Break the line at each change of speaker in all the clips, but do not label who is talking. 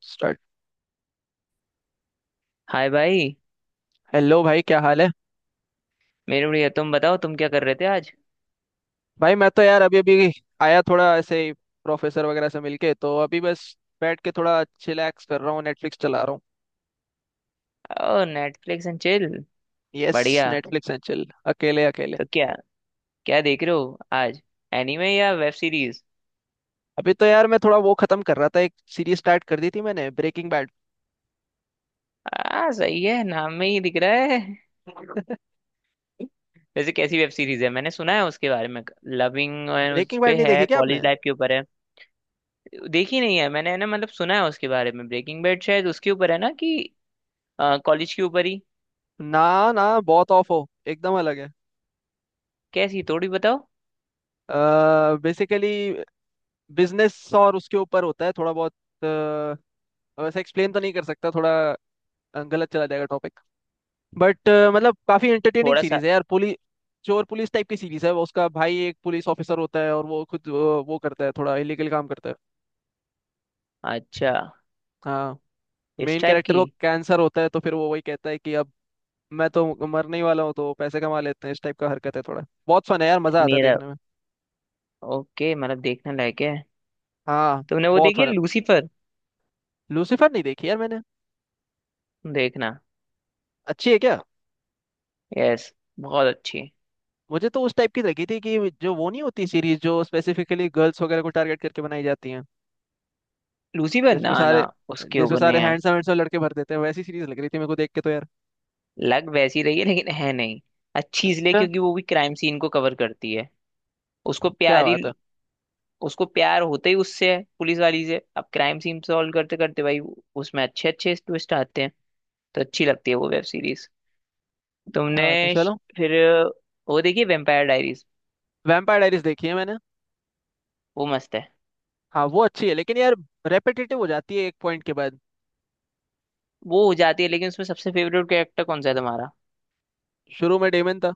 Start.
Hi भाई।
Hello भाई, क्या हाल है।
मेरे बढ़िया। तुम बताओ, तुम क्या कर रहे थे आज?
भाई मैं तो यार अभी अभी आया, थोड़ा ऐसे ही प्रोफेसर वगैरह से मिलके, तो अभी बस बैठ के थोड़ा चिलैक्स कर रहा हूँ, नेटफ्लिक्स चला रहा हूँ।
ओ, नेटफ्लिक्स एंड चिल।
यस,
बढ़िया।
Netflix and chill. अकेले अकेले।
तो क्या क्या देख रहे हो आज, एनीमे या वेब सीरीज?
अभी तो यार मैं थोड़ा वो खत्म कर रहा था, एक सीरीज स्टार्ट कर दी थी मैंने, ब्रेकिंग बैड।
आ, सही है, नाम में ही दिख रहा है। वैसे कैसी वेब सीरीज है? मैंने सुना है उसके बारे में। लविंग, उस
ब्रेकिंग
पे
बैड नहीं
है,
देखी क्या आपने?
कॉलेज लाइफ के ऊपर है? देखी नहीं है मैंने, है ना, मतलब सुना है उसके बारे में। ब्रेकिंग बैड शायद उसके ऊपर है ना कि कॉलेज के ऊपर ही?
ना, ना, बहुत ऑफ हो, एकदम अलग है।
कैसी, थोड़ी बताओ।
बेसिकली बिजनेस और उसके ऊपर होता है थोड़ा बहुत, अ, वैसे एक्सप्लेन तो नहीं कर सकता थोड़ा, गलत चला जाएगा टॉपिक। बट मतलब काफी एंटरटेनिंग
थोड़ा सा।
सीरीज है यार, पुलिस चोर पुलिस टाइप की सीरीज है, वो उसका भाई एक पुलिस ऑफिसर होता है और वो खुद वो करता है, थोड़ा इलीगल काम करता है।
अच्छा,
हाँ,
इस
मेन
टाइप
कैरेक्टर
की।
को कैंसर होता है, तो फिर वो वही कहता है कि अब मैं तो मरने ही वाला हूँ, तो पैसे कमा लेते हैं, इस टाइप का हरकत है, थोड़ा बहुत फन है यार, मजा आता है
मेरा,
देखने में।
ओके, मतलब देखने लायक है।
हाँ,
तुमने वो
बहुत
देखी है,
फन है।
लूसीफर?
लूसीफर नहीं देखी यार मैंने।
देखना।
अच्छी है क्या?
यस, बहुत अच्छी।
मुझे तो उस टाइप की लगी थी, कि जो वो नहीं होती सीरीज जो स्पेसिफिकली गर्ल्स वगैरह को टारगेट करके बनाई जाती है,
लूसीफर,
जिसमें
ना ना,
सारे,
उसके
जिसमें
ऊपर नहीं
सारे
है।
हैंडसम हैंडसम लड़के भर देते हैं, वैसी सीरीज लग रही थी मेरे को देख के, तो यार
लग वैसी रही है लेकिन है नहीं। अच्छी इसलिए
अच्छा।
क्योंकि वो भी क्राइम सीन को कवर करती है। उसको
क्या
प्यारी,
बात है।
उसको प्यार होते ही उससे है, पुलिस वाली से। अब क्राइम सीन सॉल्व करते करते भाई, उसमें अच्छे अच्छे ट्विस्ट आते हैं, तो अच्छी लगती है वो वेब सीरीज।
क्या बात है,
तुमने श-
चलो।
फिर वो देखिए, वेम्पायर डायरीज।
वैम्पायर डायरीज देखी है मैंने।
वो मस्त है।
हाँ वो अच्छी है, लेकिन यार रेपिटेटिव हो जाती है एक पॉइंट के बाद।
वो हो जाती है, लेकिन उसमें सबसे फेवरेट कैरेक्टर कौन सा है तुम्हारा?
शुरू में डेमन था।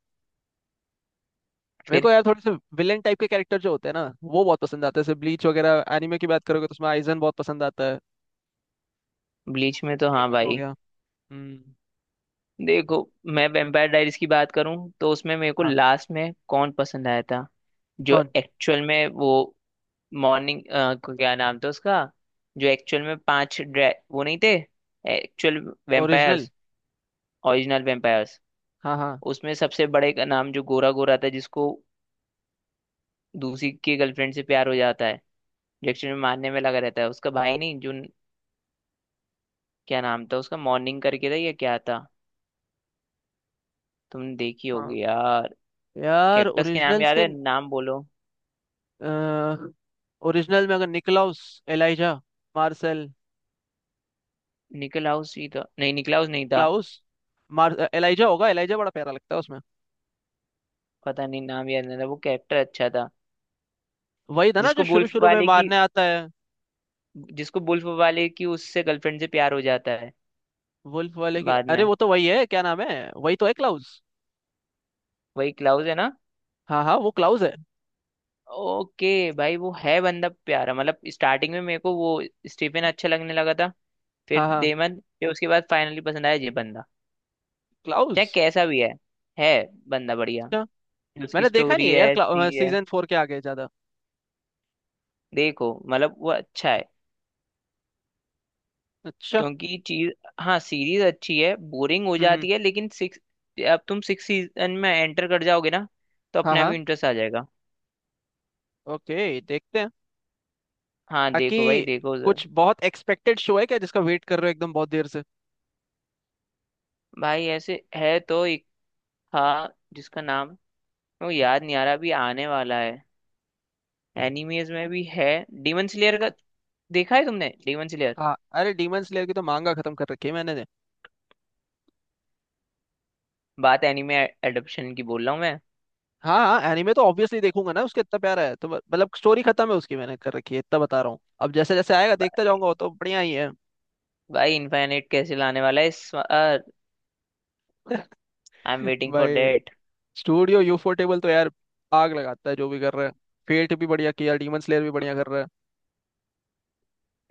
मेरे
फिर?
को यार थोड़े से विलेन टाइप के कैरेक्टर जो होते हैं ना, वो बहुत पसंद आते हैं। जैसे ब्लीच वगैरह एनिमे की बात करोगे, तो उसमें आइजन बहुत पसंद आता है।
ब्लीच में, तो हाँ
डेमन हो
भाई।
गया। हम्म।
देखो, मैं वेम्पायर डायरीज की बात करूं तो उसमें मेरे को
हाँ।
लास्ट में कौन पसंद आया था, जो
कौन?
एक्चुअल में वो मॉर्निंग, क्या नाम था उसका, जो एक्चुअल में पांच वो नहीं थे, actual
original.
Vampires. Original vampires,
हाँ हाँ।
उसमें सबसे बड़े का नाम, जो गोरा गोरा था, जिसको दूसरी की गर्लफ्रेंड से प्यार हो जाता है, जो एक्चुअल में मारने में लगा रहता है, उसका भाई नहीं, जो, क्या नाम था उसका, मॉर्निंग करके था या क्या था? तुमने देखी
हाँ
होगी यार।
यार,
कैक्टस के नाम
ओरिजिनल्स
याद
के
है, नाम बोलो।
ओरिजिनल में, अगर निकलाउस, एलाइजा, मार्शल,
निकलाउस ही था। नहीं, निकलाउस नहीं था।
क्लाउस, मार एलाइजा होगा। एलाइजा बड़ा प्यारा लगता है उसमें।
पता नहीं, नाम याद नहीं था, वो कैरेक्टर अच्छा था।
वही था ना जो
जिसको
शुरू
बुल्फ
शुरू में
वाले की,
मारने आता है?
जिसको बुल्फ वाले की उससे गर्लफ्रेंड से प्यार हो जाता है
वुल्फ वाले की,
बाद
अरे
में।
वो तो वही है, क्या नाम है, वही तो है, क्लाउस।
वही क्लाउस है ना?
हाँ हाँ, वो क्लाउस है।
ओके भाई, वो है बंदा प्यारा। मतलब स्टार्टिंग में मेरे को वो स्टीफन अच्छा लगने लगा था, फिर
हाँ हाँ,
डेमन, फिर उसके बाद फाइनली पसंद आया ये बंदा। चाहे
क्लाउस।
कैसा भी है बंदा बढ़िया।
अच्छा।
उसकी
मैंने देखा नहीं
स्टोरी
है
है ऐसी
यार,
है।
सीजन 4 के आगे ज्यादा।
देखो, मतलब वो अच्छा है
अच्छा।
क्योंकि चीज, हाँ, सीरीज अच्छी है, बोरिंग हो
हम्म हम्म,
जाती है लेकिन सिक्स, अब तुम सिक्स सीजन में एंटर कर जाओगे ना, तो
हाँ
अपने आप
हाँ,
ही इंटरेस्ट आ जाएगा।
ओके देखते हैं।
हाँ
बाकी
देखो भाई, देखो जरा।
कुछ बहुत एक्सपेक्टेड शो है क्या जिसका वेट कर रहे हो एकदम बहुत देर से?
भाई ऐसे है तो एक था, जिसका नाम वो याद नहीं आ रहा, अभी आने वाला है, एनिमेज में भी है, डीमन स्लेयर का। देखा है तुमने Demon Slayer?
हाँ, अरे डीमन स्लेयर की तो मांगा खत्म कर रखी है मैंने।
बात एनिमे एडप्शन की बोल रहा हूँ मैं।
हाँ हाँ, एनीमे तो ऑब्वियसली देखूंगा ना उसके, इतना प्यारा है तो मतलब स्टोरी खत्म है उसकी मैंने कर रखी है, इतना बता रहा हूँ। अब जैसे जैसे आएगा देखता
बा-
जाऊंगा, वो तो बढ़िया ही है।
भाई इनफाइनाइट कैसे लाने वाला है इस बार? आई एम वेटिंग फॉर
भाई
डेट।
स्टूडियो यूफो टेबल तो यार आग लगाता है जो भी कर रहा है। फेट भी बढ़िया किया, डीमन स्लेयर भी बढ़िया कर रहा है।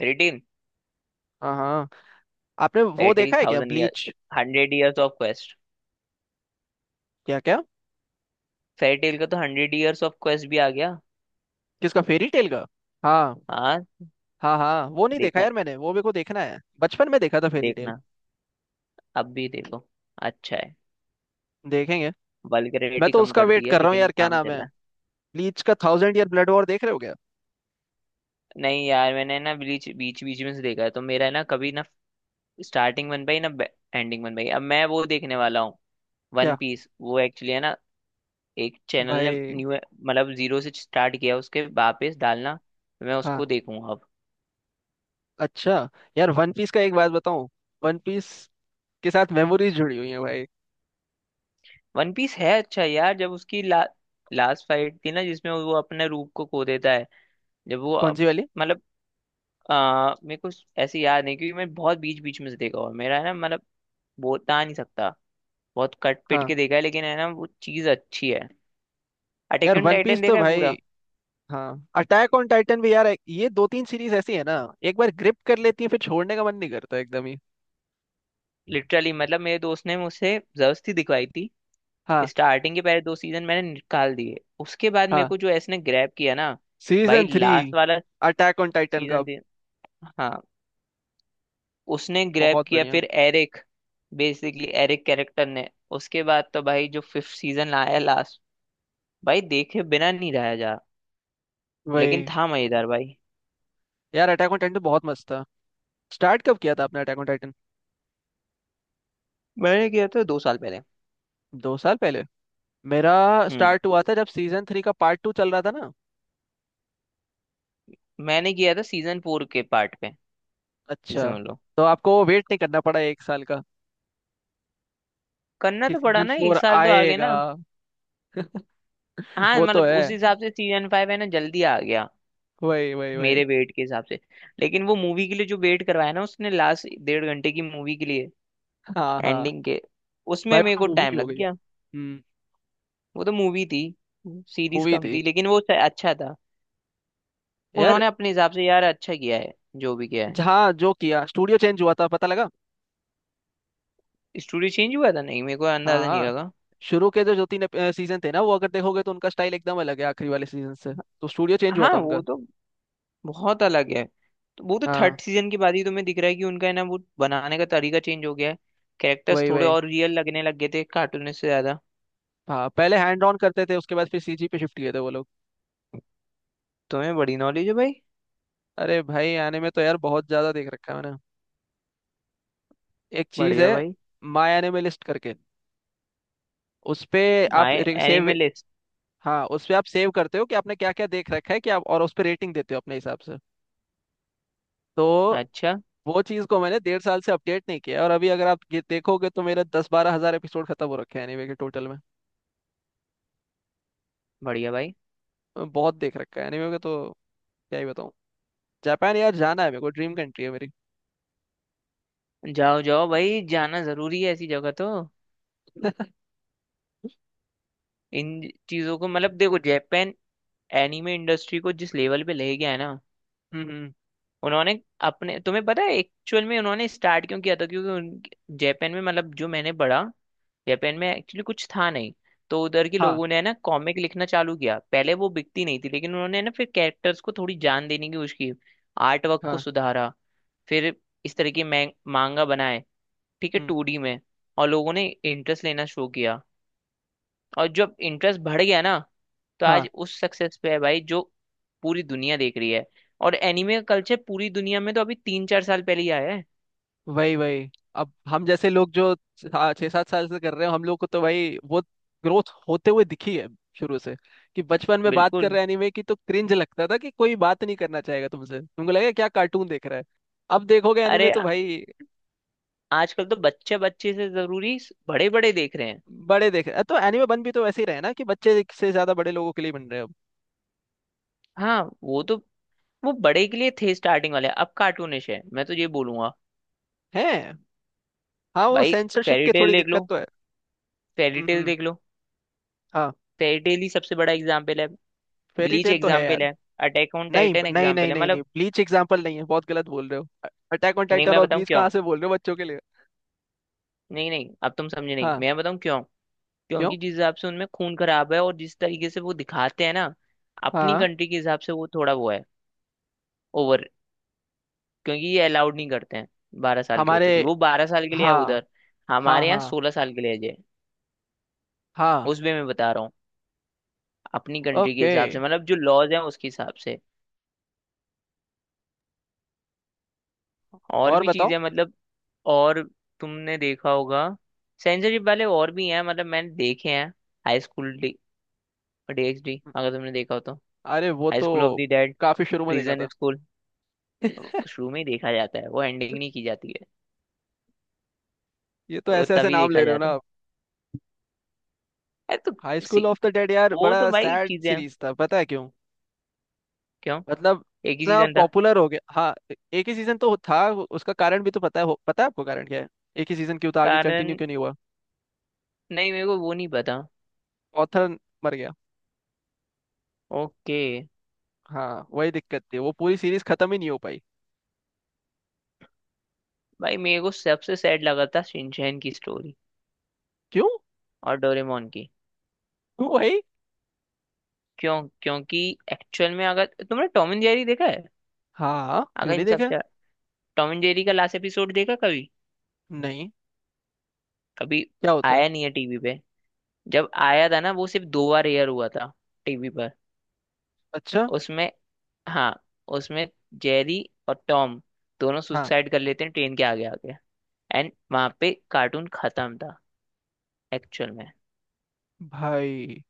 रिटिल,
हाँ हाँ। आपने वो
रिटिल
देखा है क्या,
thousand year
Bleach?
Hundred years of quest.
क्या क्या?
फेरी टेल का तो हंड्रेड इयर्स ऑफ क्वेस्ट भी आ गया।
किसका, फेरी टेल का? हाँ।
हाँ।
हाँ हाँ, वो नहीं देखा
देखा,
यार मैंने, वो मेरे को देखना है, बचपन में देखा था फेरी टेल।
देखना, अब भी देखो, अच्छा है।
देखेंगे। मैं
वल्गैरिटी
तो
कम
उसका
कर
वेट
दी है
कर रहा हूँ
लेकिन
यार, क्या
काम
नाम है,
चला।
ब्लीच का थाउजेंड ईयर ब्लड वॉर, देख रहे हो क्या?
नहीं यार, मैंने ना बीच बीच बीच में से देखा है तो मेरा ना कभी ना स्टार्टिंग बन पाई, ना एंडिंग बन पाई। अब मैं वो देखने वाला हूँ।
क्या
वन पीस, वो एक्चुअली है ना, एक चैनल ने
भाई?
न्यू मतलब जीरो से स्टार्ट किया उसके वापस डालना। मैं
हाँ।
उसको देखूंगा अब।
अच्छा। यार वन पीस का एक बात बताऊं, वन पीस के साथ मेमोरीज जुड़ी हुई है भाई।
वन पीस है अच्छा यार। जब उसकी लास्ट फाइट थी ना, जिसमें वो अपने रूप को खो देता है, जब वो
कौन सी वाली?
मतलब, मेरे को ऐसे याद नहीं क्योंकि मैं बहुत बीच बीच में से देखा। और मेरा है ना, मतलब, बोलता नहीं सकता, बहुत कट पिट
हाँ।
के देखा है। लेकिन है ना, वो चीज अच्छी है। अटैक
यार
ऑन
वन पीस
टाइटन
तो
देखा है पूरा?
भाई, हाँ अटैक ऑन टाइटन भी यार, ये दो तीन सीरीज ऐसी है ना, एक बार ग्रिप कर लेती है फिर छोड़ने का मन नहीं करता एकदम ही।
लिटरली मतलब मेरे दोस्त ने मुझसे जबरदस्ती दिखवाई थी।
हाँ
स्टार्टिंग के पहले 2 सीजन मैंने निकाल दिए, उसके बाद मेरे
हाँ,
को जो इसने ग्रैब किया ना। भाई
सीजन 3,
लास्ट वाला
अटैक ऑन टाइटन का।
सीजन दे, हाँ, उसने ग्रैब
बहुत
किया।
बढ़िया।
फिर एरिक, बेसिकली एरिक कैरेक्टर ने। उसके बाद तो भाई जो फिफ्थ सीजन आया लास्ट, भाई देखे बिना नहीं रहा जा। लेकिन
वही।
था मजेदार भाई।
यार अटैक ऑन टाइटन तो बहुत मस्त था। स्टार्ट कब किया था आपने अटैक ऑन टाइटन?
मैंने किया था 2 साल पहले।
2 साल पहले। मेरा
हम्म,
स्टार्ट हुआ था जब सीजन 3 का पार्ट 2 चल रहा था ना।
मैंने किया था सीजन फोर के पार्ट पे, ये
अच्छा।
समझ लो।
तो आपको वेट नहीं करना पड़ा एक साल,
करना
कि
तो पड़ा
सीजन
ना एक
फोर
साल तो आगे
आएगा?
ना। हाँ
वो तो
मतलब
है,
उस हिसाब से सीजन फाइव है ना जल्दी आ गया,
वही वही वही।
मेरे वेट के हिसाब से। लेकिन वो मूवी के लिए जो वेट करवाया ना उसने, लास्ट 1.5 घंटे की मूवी के लिए,
हाँ हाँ।
एंडिंग के, उसमें
भाई वो
मेरे
तो
को
मूवी
टाइम
हो
लग
गई।
गया।
हम्म।
वो तो मूवी थी, सीरीज
मूवी
कम
थी।
थी, लेकिन वो अच्छा था।
यार
उन्होंने अपने हिसाब से यार अच्छा किया है, जो भी किया है।
जहाँ जो किया स्टूडियो चेंज हुआ था पता लगा।
स्टोरी चेंज हुआ था नहीं, मेरे को
हाँ
अंदाजा नहीं
हाँ,
लगा।
शुरू के जो जो 3 सीजन थे ना, वो अगर देखोगे तो उनका स्टाइल एकदम अलग है आखिरी वाले सीजन से। तो स्टूडियो चेंज हुआ
हाँ
था उनका।
वो तो बहुत अलग है। तो वो तो
हाँ।
थर्ड सीजन के बाद ही तुम्हें दिख रहा है कि उनका है ना वो बनाने का तरीका चेंज हो गया है। कैरेक्टर्स
वही
थोड़े
वही।
और रियल लगने लग गए थे, कार्टूनिस्ट से ज्यादा।
हाँ पहले हैंड ऑन करते थे, उसके बाद फिर सीजी पे शिफ्ट किए थे वो लोग।
तुम्हें बड़ी नॉलेज है भाई।
अरे भाई, आने में तो यार बहुत ज्यादा देख रखा है मैंने। एक चीज
बढ़िया
है,
भाई।
माय एनिमे लिस्ट करके, उस पे आप
माय
सेव।
Anime list.
हाँ, उस पे आप सेव करते हो कि आपने क्या क्या देख रखा है कि आप, और उस पे रेटिंग देते हो अपने हिसाब से, तो
अच्छा।
वो चीज़ को मैंने 1.5 साल से अपडेट नहीं किया है, और अभी अगर आप ये देखोगे तो मेरा दस बारह हजार एपिसोड खत्म हो रखे हैं एनीमे के टोटल में।
बढ़िया भाई,
बहुत देख रखा है एनीमे का, तो क्या ही बताऊँ। जापान यार जाना है मेरे को, ड्रीम कंट्री है मेरी।
जाओ जाओ भाई, जाना जरूरी है ऐसी जगह तो। इन चीजों को, मतलब, देखो, जापान एनिमे इंडस्ट्री को जिस लेवल पे ले गया है ना,
हम्म हम्म,
उन्होंने, अपने, तुम्हें पता है एक्चुअल में उन्होंने स्टार्ट क्यों किया था? क्योंकि उन, जापान में, मतलब जो मैंने पढ़ा, जापान में एक्चुअली कुछ था नहीं। तो उधर के
हाँ
लोगों ने है ना कॉमिक लिखना चालू किया, पहले वो बिकती नहीं थी, लेकिन उन्होंने ना फिर कैरेक्टर्स को थोड़ी जान देने की कोशिश की, आर्ट वर्क को
हाँ।
सुधारा। फिर इस तरह के मैं मांगा बनाए, ठीक है,
हम्म,
2D में। और लोगों ने इंटरेस्ट लेना शुरू किया, और जब इंटरेस्ट बढ़ गया ना, तो
हाँ।
आज उस सक्सेस पे है भाई, जो पूरी दुनिया देख रही है। और एनिमे का कल्चर पूरी दुनिया में तो अभी 3-4 साल पहले ही आया है।
वही वही। अब हम जैसे लोग जो छह छह सात साल से कर रहे हैं, हम लोग को तो भाई वो ग्रोथ होते हुए दिखी है शुरू से। कि बचपन में बात कर
बिल्कुल।
रहे एनीमे की तो क्रिंज लगता था, कि कोई बात नहीं करना चाहेगा तुमसे, तुमको लगेगा क्या कार्टून देख रहा है। अब देखोगे एनीमे
अरे,
तो भाई,
आजकल तो बच्चे बच्चे से जरूरी बड़े बड़े देख रहे हैं।
बड़े देख रहे हैं तो एनीमे बन भी तो वैसे ही रहे ना, कि बच्चे से ज्यादा बड़े लोगों के लिए बन रहे हैं अब।
हाँ वो तो, वो बड़े के लिए थे स्टार्टिंग वाले, अब कार्टूनिश है, मैं तो ये बोलूंगा।
हैं। हाँ, वो
भाई,
सेंसरशिप
फेरी
की
टेल
थोड़ी
देख
दिक्कत
लो,
तो है।
फेरी टेल
हम्म।
देख लो,
हाँ।
फेरी टेल ही सबसे बड़ा एग्जाम्पल है।
फेरी
ब्लीच
टेल तो है यार।
एग्जाम्पल है, अटैक ऑन
नहीं
टाइटन
नहीं
एग्जाम्पल
नहीं
है,
नहीं नहीं,
मतलब।
ब्लीच एग्जाम्पल नहीं है, बहुत गलत बोल रहे हो। अटैक ऑन
नहीं,
टाइटन
मैं
और
बताऊँ
ब्लीच
क्यों।
कहाँ से बोल रहे हो बच्चों के लिए?
नहीं नहीं, अब तुम समझे नहीं,
हाँ।
मैं बताऊँ क्यों।
क्यों?
क्योंकि जिस हिसाब से उनमें खून खराब है, और जिस तरीके से वो दिखाते हैं ना, अपनी
हाँ।
कंट्री के हिसाब से वो थोड़ा वो है, ओवर। क्योंकि ये अलाउड नहीं करते हैं बारह साल के
हमारे।
बच्चों के लिए। वो 12 साल के लिए है
हाँ
उधर,
हाँ।
हमारे यहाँ
हाँ
16 साल के लिए है ये।
हाँ।
उस वे में बता रहा हूँ, अपनी कंट्री के
ओके।
हिसाब से, मतलब जो लॉज हैं उसके हिसाब से। और
और
भी
बताओ।
चीजें, मतलब और, तुमने देखा होगा, सेंसरशिप वाले और भी हैं, मतलब मैंने देखे हैं। हाई स्कूल DxD, अगर तुमने देखा हो तो।
अरे वो
हाई
तो
स्कूल ऑफ द डेड,
काफी शुरू में देखा
प्रिजन
था।
स्कूल, शुरू में ही देखा जाता है, वो एंडिंग नहीं की जाती है,
ये तो
वो
ऐसे ऐसे
तभी
नाम ले
देखा
रहे हो ना
जाता है।
आप।
अरे तो,
हाई स्कूल
सी
ऑफ द डेड यार
वो
बड़ा
तो भाई
सैड
चीजें हैं।
सीरीज था, पता है क्यों?
क्यों?
मतलब
एक ही
इतना
सीजन था।
पॉपुलर हो गया। हाँ, एक ही सीजन तो था, उसका कारण भी तो पता है, पता है आपको कारण क्या है, एक ही सीजन क्यों था, आगे कंटिन्यू
कारण,
क्यों नहीं हुआ?
नहीं, मेरे को वो नहीं पता।
ऑथर मर गया।
ओके।
हाँ वही दिक्कत थी, वो पूरी सीरीज खत्म ही नहीं हो पाई।
भाई मेरे को सबसे सैड लगा था शिनचैन की स्टोरी
क्यों?
और डोरेमोन की।
क्यों भाई?
क्यों? क्योंकि एक्चुअल में, अगर तुमने टॉम एंड जेरी देखा है,
हाँ,
अगर
क्यों नहीं
इन
देखा।
सबसे, टॉम एंड जेरी का लास्ट एपिसोड देखा कभी?
नहीं,
कभी।
क्या होता है?
आया नहीं है टीवी पे। जब आया था ना, वो सिर्फ 2 बार एयर हुआ था टीवी पर।
अच्छा।
उसमें, हाँ, उसमें जेरी और टॉम दोनों
हाँ
सुसाइड कर लेते हैं ट्रेन के आगे आगे, एंड वहां पे कार्टून खत्म था एक्चुअल में।
भाई,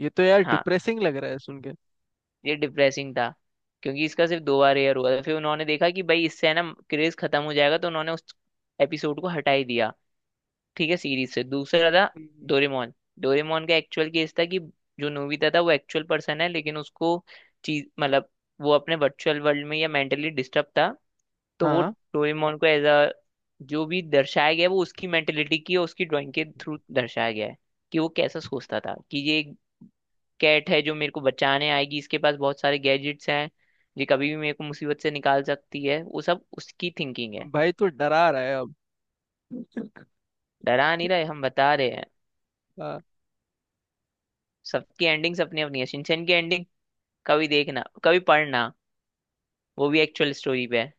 ये तो यार
हाँ,
डिप्रेसिंग लग रहा है सुन के।
ये डिप्रेसिंग था। क्योंकि इसका सिर्फ 2 बार एयर हुआ था, फिर उन्होंने देखा कि भाई इससे है ना क्रेज खत्म हो जाएगा, तो उन्होंने उस एपिसोड को हटा ही दिया, ठीक है, सीरीज से। दूसरा था
हम्म।
डोरेमोन। डोरेमोन का एक्चुअल केस था कि जो नोबिता था वो एक्चुअल पर्सन है, लेकिन उसको, चीज, मतलब वो अपने वर्चुअल वर्ल्ड में, या मेंटली डिस्टर्ब था। तो वो
हाँ
डोरेमोन को एज अ, जो भी दर्शाया गया है, वो उसकी मेंटेलिटी की और उसकी ड्राइंग के थ्रू दर्शाया गया है, कि वो कैसा सोचता था, कि ये कैट है जो मेरे को बचाने आएगी, इसके पास बहुत सारे गैजेट्स हैं, ये कभी भी मेरे को मुसीबत से निकाल सकती है। वो सब उसकी थिंकिंग है।
भाई, तू डरा रहा है अब।
डरा नहीं रहे, हम बता रहे हैं।
हाँ।
सबकी एंडिंग्स अपनी अपनी है। शिनचैन की एंडिंग कभी देखना, कभी पढ़ना, वो भी एक्चुअल स्टोरी पे है।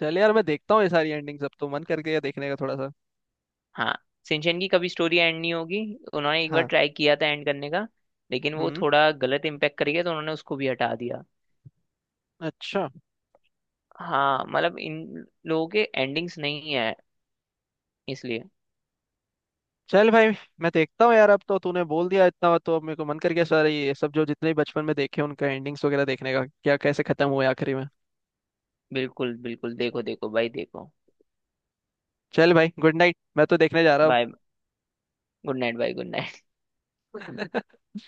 चल यार, मैं देखता हूँ ये सारी एंडिंग्स, अब तो मन कर गया देखने का थोड़ा सा।
हाँ, शिनचैन की कभी स्टोरी एंड नहीं होगी, उन्होंने एक बार
हाँ।
ट्राई किया था एंड करने का, लेकिन वो
हम्म।
थोड़ा गलत इम्पैक्ट कर गया, तो उन्होंने उसको भी हटा दिया।
अच्छा।
हाँ मतलब इन लोगों के एंडिंग्स नहीं है, इसलिए।
चल भाई, मैं देखता हूँ यार, अब तो तूने बोल दिया इतना, तो अब मेरे को मन कर गया सारे ये सब जो जितने भी बचपन में देखे, उनका एंडिंग्स वगैरह देखने का, क्या कैसे खत्म हुए आखिरी में।
बिल्कुल बिल्कुल, देखो देखो भाई देखो।
चल भाई, गुड नाइट, मैं तो देखने जा रहा
बाय। गुड नाइट भाई, गुड नाइट।
हूँ।